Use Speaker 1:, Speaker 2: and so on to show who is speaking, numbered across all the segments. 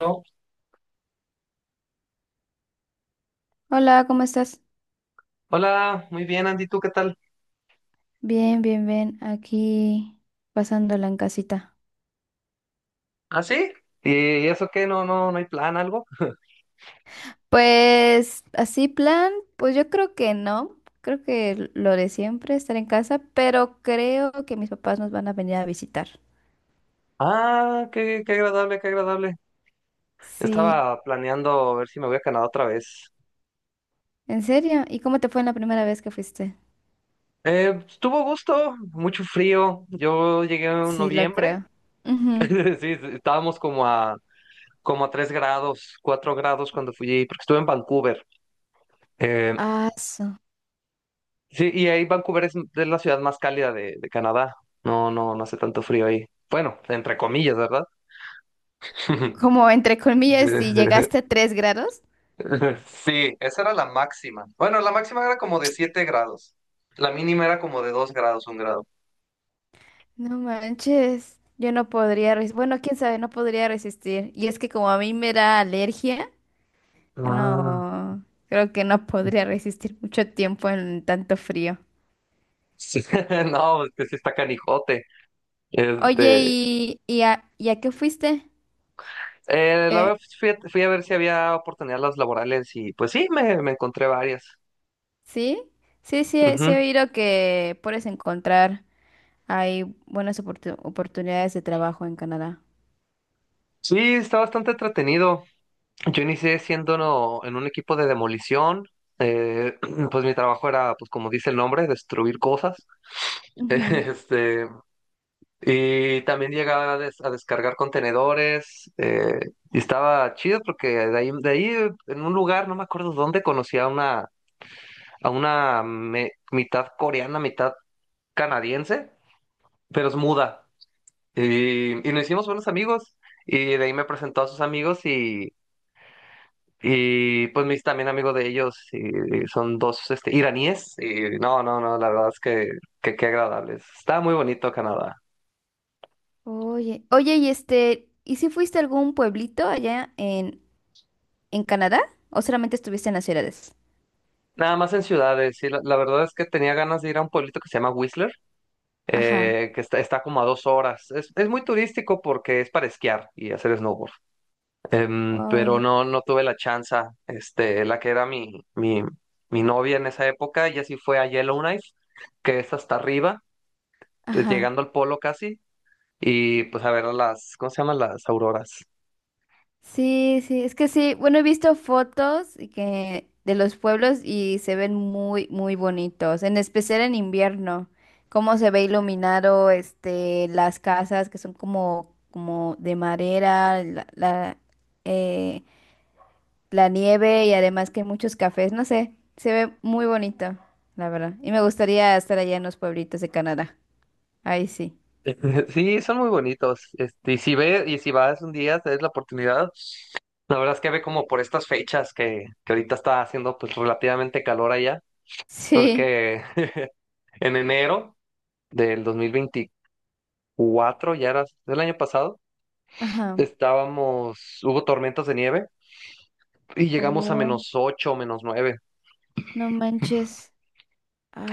Speaker 1: No.
Speaker 2: Hola, ¿cómo estás?
Speaker 1: Hola, muy bien, Andy, ¿tú qué tal?
Speaker 2: Bien, bien, bien. Aquí pasándola en casita.
Speaker 1: ¿Ah, sí? ¿Y eso qué? ¿No, no, no hay plan, algo?
Speaker 2: Pues así plan, pues yo creo que no. Creo que lo de siempre, estar en casa, pero creo que mis papás nos van a venir a visitar.
Speaker 1: Ah, qué agradable, qué agradable.
Speaker 2: Sí,
Speaker 1: Estaba planeando ver si me voy a Canadá otra vez.
Speaker 2: ¿en serio? ¿Y cómo te fue en la primera vez que fuiste?
Speaker 1: Estuvo a gusto, mucho frío. Yo llegué en
Speaker 2: Sí, lo
Speaker 1: noviembre.
Speaker 2: creo. Ujú.
Speaker 1: Sí, sí, estábamos como a 3 grados, 4 grados cuando fui, porque estuve en Vancouver. Eh,
Speaker 2: Ah,
Speaker 1: sí, y ahí Vancouver es la ciudad más cálida de Canadá. No, no, no hace tanto frío ahí. Bueno, entre comillas, ¿verdad?
Speaker 2: Como entre comillas, si llegaste a 3 grados.
Speaker 1: Sí, esa era la máxima. Bueno, la máxima era como de 7 grados. La mínima era como de 2 grados, 1 grado.
Speaker 2: No manches, yo no podría resistir. Bueno, quién sabe, no podría resistir. Y es que como a mí me da alergia.
Speaker 1: Ah.
Speaker 2: No, creo que no podría resistir mucho tiempo en tanto frío.
Speaker 1: Sí, no, es que sí está canijote.
Speaker 2: Oye,
Speaker 1: Este,
Speaker 2: ¿y a qué fuiste?
Speaker 1: la
Speaker 2: Eh,
Speaker 1: vez fui a ver si había oportunidades laborales y pues sí, me encontré varias.
Speaker 2: ¿Sí? Sí, sí, sí
Speaker 1: Ujú.
Speaker 2: he oído que puedes encontrar hay buenas oportunidades de trabajo en Canadá.
Speaker 1: Sí, está bastante entretenido. Yo inicié siendo en un equipo de demolición. Eh, pues mi trabajo era, pues como dice el nombre, destruir cosas.
Speaker 2: Ujú.
Speaker 1: Este, y también llegaba a descargar contenedores. Y estaba chido porque de ahí, en un lugar, no me acuerdo dónde, conocí a una mitad coreana, mitad canadiense, pero es muda. Y nos hicimos buenos amigos. Y de ahí me presentó a sus amigos y pues me hice también amigo de ellos. Y, son dos este, iraníes. Y no, no, no, la verdad es que qué agradables. Está muy bonito Canadá.
Speaker 2: Oye, oye, y este, ¿y si fuiste a algún pueblito allá en, Canadá? ¿O solamente estuviste en las ciudades?
Speaker 1: Nada más en ciudades, sí. La verdad es que tenía ganas de ir a un pueblito que se llama Whistler,
Speaker 2: Ajá.
Speaker 1: que está, está como a 2 horas. Es muy turístico porque es para esquiar y hacer snowboard. Pero
Speaker 2: Oye,
Speaker 1: no, no tuve la chance. Este, la que era mi, mi novia en esa época, ella sí fue a Yellowknife, que es hasta arriba, pues,
Speaker 2: ajá.
Speaker 1: llegando al polo casi, y pues a ver las, ¿cómo se llaman? Las auroras.
Speaker 2: Sí, sí, es que sí, bueno, he visto fotos y que de los pueblos y se ven muy, muy bonitos, en especial en invierno, cómo se ve iluminado, este, las casas que son como, como de madera, eh, la nieve y además que hay muchos cafés, no sé, se ve muy bonito, la verdad. Y me gustaría estar allá en los pueblitos de Canadá. Ahí sí.
Speaker 1: Sí, son muy bonitos. Este, y si vas un día, te des la oportunidad. La verdad es que ve como por estas fechas que ahorita está haciendo pues relativamente calor allá,
Speaker 2: Sí.
Speaker 1: porque en enero del 2024 ya era el año pasado,
Speaker 2: Ajá.
Speaker 1: estábamos, hubo tormentas de nieve y llegamos a
Speaker 2: Oh,
Speaker 1: -8 o -9
Speaker 2: no manches.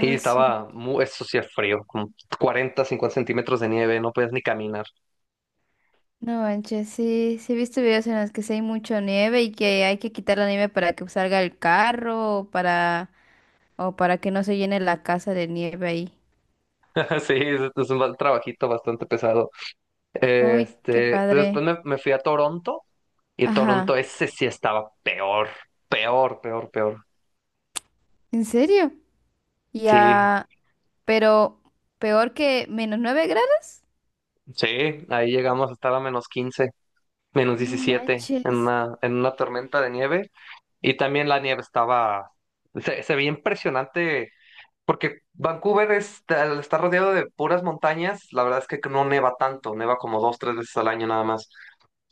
Speaker 1: y estaba, eso sí es frío, como 40, 50 centímetros de nieve, no podías ni caminar.
Speaker 2: no manches, sí, sí he visto videos en los que sí hay mucha nieve y que hay que quitar la nieve para que salga el carro o para que no se llene la casa de nieve ahí.
Speaker 1: Sí, es un trabajito bastante pesado.
Speaker 2: Uy, qué
Speaker 1: Este, pero después
Speaker 2: padre.
Speaker 1: me fui a Toronto y Toronto
Speaker 2: Ajá,
Speaker 1: ese sí estaba peor, peor, peor, peor.
Speaker 2: ¿en serio?
Speaker 1: Sí,
Speaker 2: Ya, pero peor que -9 grados.
Speaker 1: sí, ahí llegamos a estar a -15, menos
Speaker 2: No
Speaker 1: diecisiete,
Speaker 2: manches.
Speaker 1: en una tormenta de nieve. Y también la nieve estaba, se veía impresionante porque Vancouver está, al estar rodeado de puras montañas, la verdad es que no neva tanto, neva como dos, tres veces al año nada más.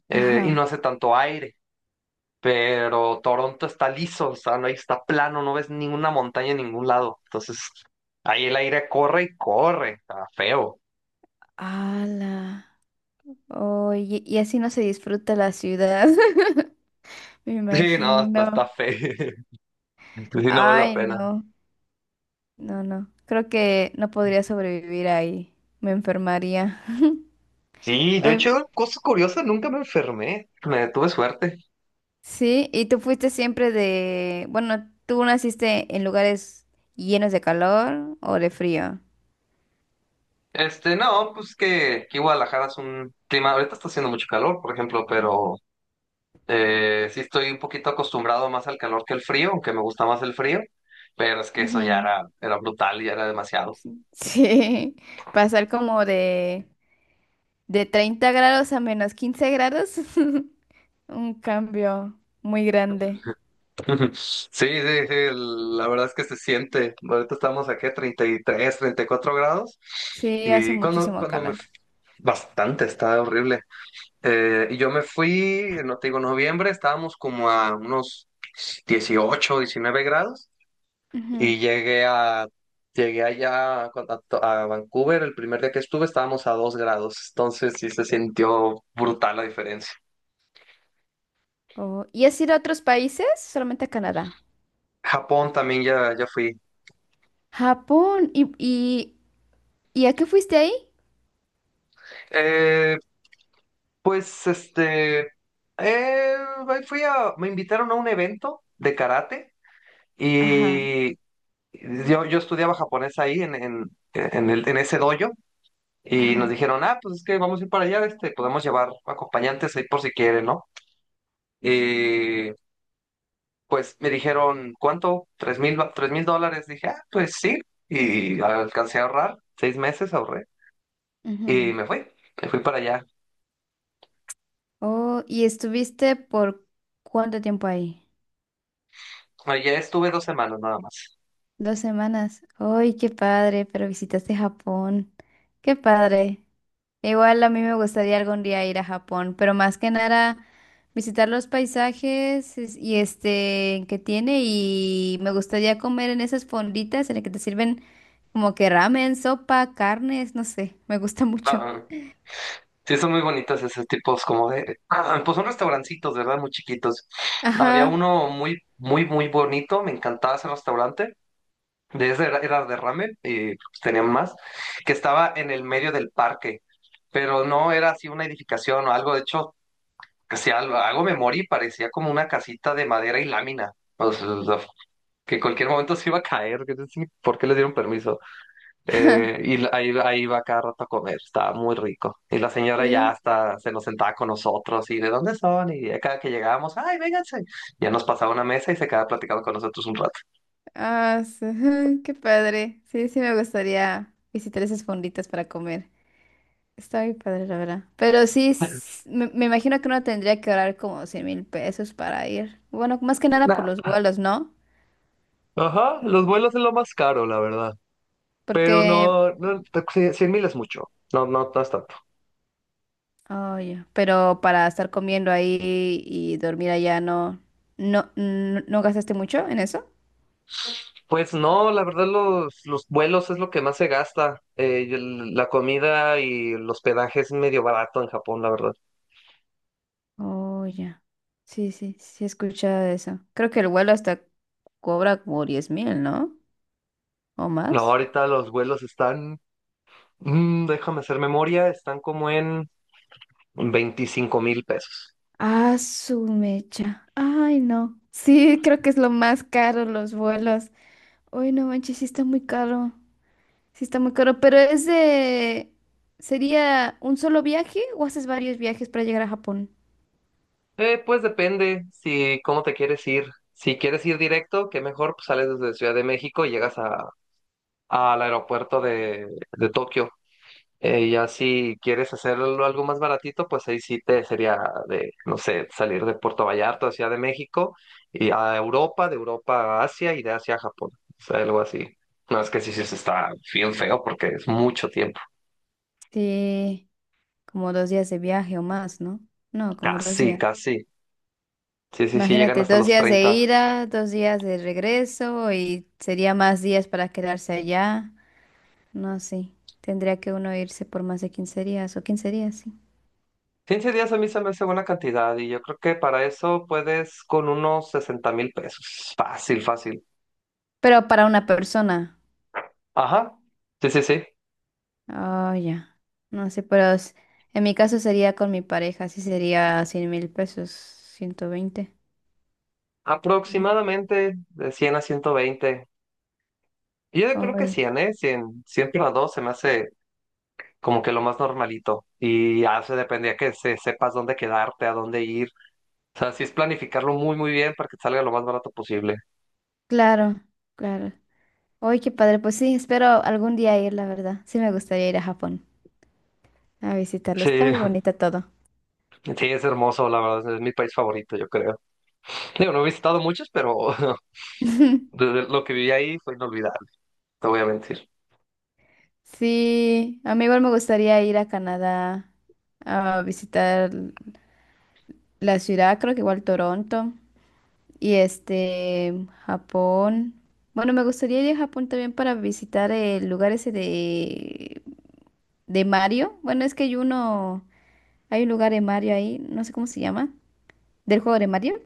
Speaker 1: Y no
Speaker 2: Ajá.
Speaker 1: hace tanto aire, pero Toronto está liso, o sea, no, está plano, no ves ninguna montaña en ningún lado. Entonces, ahí el aire corre y corre, está feo.
Speaker 2: Ala. Oye, y así no se disfruta la ciudad. Me
Speaker 1: Sí, no, está
Speaker 2: imagino.
Speaker 1: feo. Sí, no vale la
Speaker 2: Ay,
Speaker 1: pena.
Speaker 2: no. No, no. Creo que no podría sobrevivir ahí. Me enfermaría.
Speaker 1: Sí, yo he
Speaker 2: Oye,
Speaker 1: hecho cosas curiosas, nunca me enfermé, me tuve suerte.
Speaker 2: sí, y tú fuiste siempre de... Bueno, ¿tú naciste en lugares llenos de calor o de frío?
Speaker 1: Este, no, pues que Guadalajara es un clima, ahorita está haciendo mucho calor, por ejemplo, pero sí estoy un poquito acostumbrado más al calor que al frío, aunque me gusta más el frío, pero es que eso ya
Speaker 2: Ujú.
Speaker 1: era, era brutal, ya era demasiado.
Speaker 2: Sí, sí, pasar como de 30 grados a -15 grados, un cambio muy grande.
Speaker 1: Sí, sí, sí, la verdad es que se siente, ahorita estamos aquí a 33, 34 grados
Speaker 2: Sí, hace
Speaker 1: y cuando,
Speaker 2: muchísimo
Speaker 1: cuando me...
Speaker 2: calor.
Speaker 1: Bastante, está horrible. Y yo me fui, no te digo, noviembre, estábamos como a unos 18, 19 grados
Speaker 2: Ujú.
Speaker 1: y llegué allá a Vancouver, el primer día que estuve estábamos a 2 grados, entonces sí se sintió brutal la diferencia.
Speaker 2: Oh, ¿y has ido a otros países? Solamente a Canadá.
Speaker 1: Japón también ya, ya fui.
Speaker 2: Japón. ¿Y a qué fuiste ahí?
Speaker 1: Eh, pues este, eh, ahí me invitaron a un evento de karate
Speaker 2: Ajá,
Speaker 1: y yo estudiaba japonés ahí en ese dojo. Y nos
Speaker 2: ajá.
Speaker 1: dijeron, ah, pues es que vamos a ir para allá, este, podemos llevar acompañantes ahí por si quieren, ¿no? Y pues me dijeron, ¿cuánto? $3,000. Dije, ah, pues sí. Y alcancé a ahorrar, 6 meses ahorré. Y
Speaker 2: Ujú.
Speaker 1: me fui para allá.
Speaker 2: Oh, ¿y estuviste por cuánto tiempo ahí?
Speaker 1: Allá estuve 2 semanas nada más.
Speaker 2: 2 semanas. ¡Ay, qué padre! Pero visitaste Japón. ¡Qué padre! Igual a mí me gustaría algún día ir a Japón, pero más que nada visitar los paisajes y este que tiene y me gustaría comer en esas fonditas en las que te sirven como que ramen, sopa, carnes, no sé, me gusta
Speaker 1: Ah,
Speaker 2: mucho.
Speaker 1: ah. Sí, son muy bonitas esos tipos como de... pues son restaurancitos, ¿verdad? Muy chiquitos. Había
Speaker 2: Ajá.
Speaker 1: uno muy, muy, muy bonito, me encantaba ese restaurante de ese era, era de ramen y pues, tenían más, que estaba en el medio del parque, pero no era así una edificación o algo, de hecho, que si algo, algo me morí, parecía como una casita de madera y lámina, o sea, que en cualquier momento se iba a caer, que no sé, ¿por qué les dieron permiso? Eh, y ahí, ahí iba cada rato a comer, estaba muy rico. Y la señora ya
Speaker 2: Sí.
Speaker 1: hasta se nos sentaba con nosotros y ¿de dónde son? Y cada que llegábamos, ¡ay, vénganse! Ya nos pasaba una mesa y se quedaba platicando con nosotros un rato.
Speaker 2: Ah, sí, qué padre. Sí, sí me gustaría visitar esas fonditas para comer. Está muy padre, la verdad. Pero sí, me imagino que uno tendría que ahorrar como 100 mil pesos para ir. Bueno, más que nada por
Speaker 1: Nada,
Speaker 2: los vuelos, ¿no?
Speaker 1: ajá, los vuelos es lo más caro, la verdad. Pero
Speaker 2: Porque,
Speaker 1: no, no, 100,000 es mucho. No, no, no es tanto.
Speaker 2: oh, ya, pero para estar comiendo ahí y dormir allá, ¿no? ¿No, no, no gastaste mucho en eso?
Speaker 1: Pues no, la verdad los vuelos es lo que más se gasta. Y la comida y el hospedaje es medio barato en Japón, la verdad.
Speaker 2: Oh, ya. Sí, sí, sí he escuchado eso. Creo que el vuelo hasta cobra como 10,000, ¿no? ¿O
Speaker 1: No,
Speaker 2: más?
Speaker 1: ahorita los vuelos están, déjame hacer memoria, están como en 25,000 pesos.
Speaker 2: Ah, su mecha. Ay, no. Sí, creo que es lo más caro los vuelos. Uy, no manches, sí está muy caro. Sí está muy caro, pero es de... ¿Sería un solo viaje o haces varios viajes para llegar a Japón?
Speaker 1: Pues depende si cómo te quieres ir. Si quieres ir directo, que mejor, pues sales desde Ciudad de México y llegas al aeropuerto de Tokio. Ya si quieres hacerlo algo más baratito, pues ahí sí te sería de, no sé, salir de Puerto Vallarta a Ciudad de México y a Europa, de Europa a Asia y de Asia a Japón. O sea, algo así. No, es que sí, sí, se está bien feo porque es mucho tiempo.
Speaker 2: Sí, como 2 días de viaje o más, ¿no? No, como dos
Speaker 1: Casi,
Speaker 2: días.
Speaker 1: casi. Sí, sí, sí, llegan
Speaker 2: Imagínate,
Speaker 1: hasta
Speaker 2: dos
Speaker 1: los
Speaker 2: días de
Speaker 1: 30.
Speaker 2: ida, 2 días de regreso y sería más días para quedarse allá. No, sí. Tendría que uno irse por más de 15 días o 15 días, sí.
Speaker 1: 15 días a mí se me hace buena cantidad y yo creo que para eso puedes con unos 60,000 pesos. Fácil, fácil.
Speaker 2: Pero para una persona.
Speaker 1: Ajá. Sí, sí, sí.
Speaker 2: Oh, ya. No sé, pero en mi caso sería con mi pareja, sí sería 100,000 pesos, 120. Ujú.
Speaker 1: Aproximadamente de 100 a 120. Yo creo que
Speaker 2: Hoy,
Speaker 1: cien, ¿eh? Cien, 100 para 2 se me hace como que lo más normalito. Y ya se dependía sepas dónde quedarte, a dónde ir. O sea, sí es planificarlo muy, muy bien para que te salga lo más barato posible.
Speaker 2: claro, claro. Hoy, qué padre. Pues sí, espero algún día ir, la verdad. Sí, me gustaría ir a Japón a visitarlo.
Speaker 1: Sí,
Speaker 2: Está muy bonito todo.
Speaker 1: sí, es hermoso, la verdad. Es mi país favorito, yo creo. Digo, no he visitado muchos, pero desde lo que viví ahí fue inolvidable, te voy a mentir.
Speaker 2: Sí, a mí igual me gustaría ir a Canadá a visitar la ciudad, creo que igual Toronto. Y este, Japón. Bueno, me gustaría ir a Japón también para visitar el lugar ese de Mario. Bueno, es que hay uno, hay un lugar de Mario ahí, no sé cómo se llama, del juego de Mario.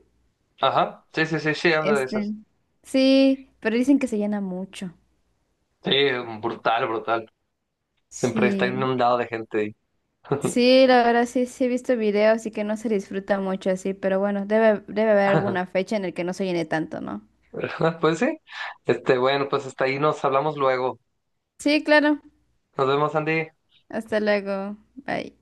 Speaker 1: Ajá, sí, sí, sí, sí, ando de esas.
Speaker 2: Este, sí, pero dicen que se llena mucho.
Speaker 1: Sí, brutal, brutal. Siempre está
Speaker 2: Sí,
Speaker 1: inundado de gente ahí.
Speaker 2: sí, la verdad sí, sí he visto videos y que no se disfruta mucho así, pero bueno, debe haber alguna fecha en la que no se llene tanto, ¿no?
Speaker 1: Pues sí. Este, bueno, pues hasta ahí nos hablamos luego.
Speaker 2: Sí, claro.
Speaker 1: Nos vemos, Andy.
Speaker 2: Hasta luego. Bye.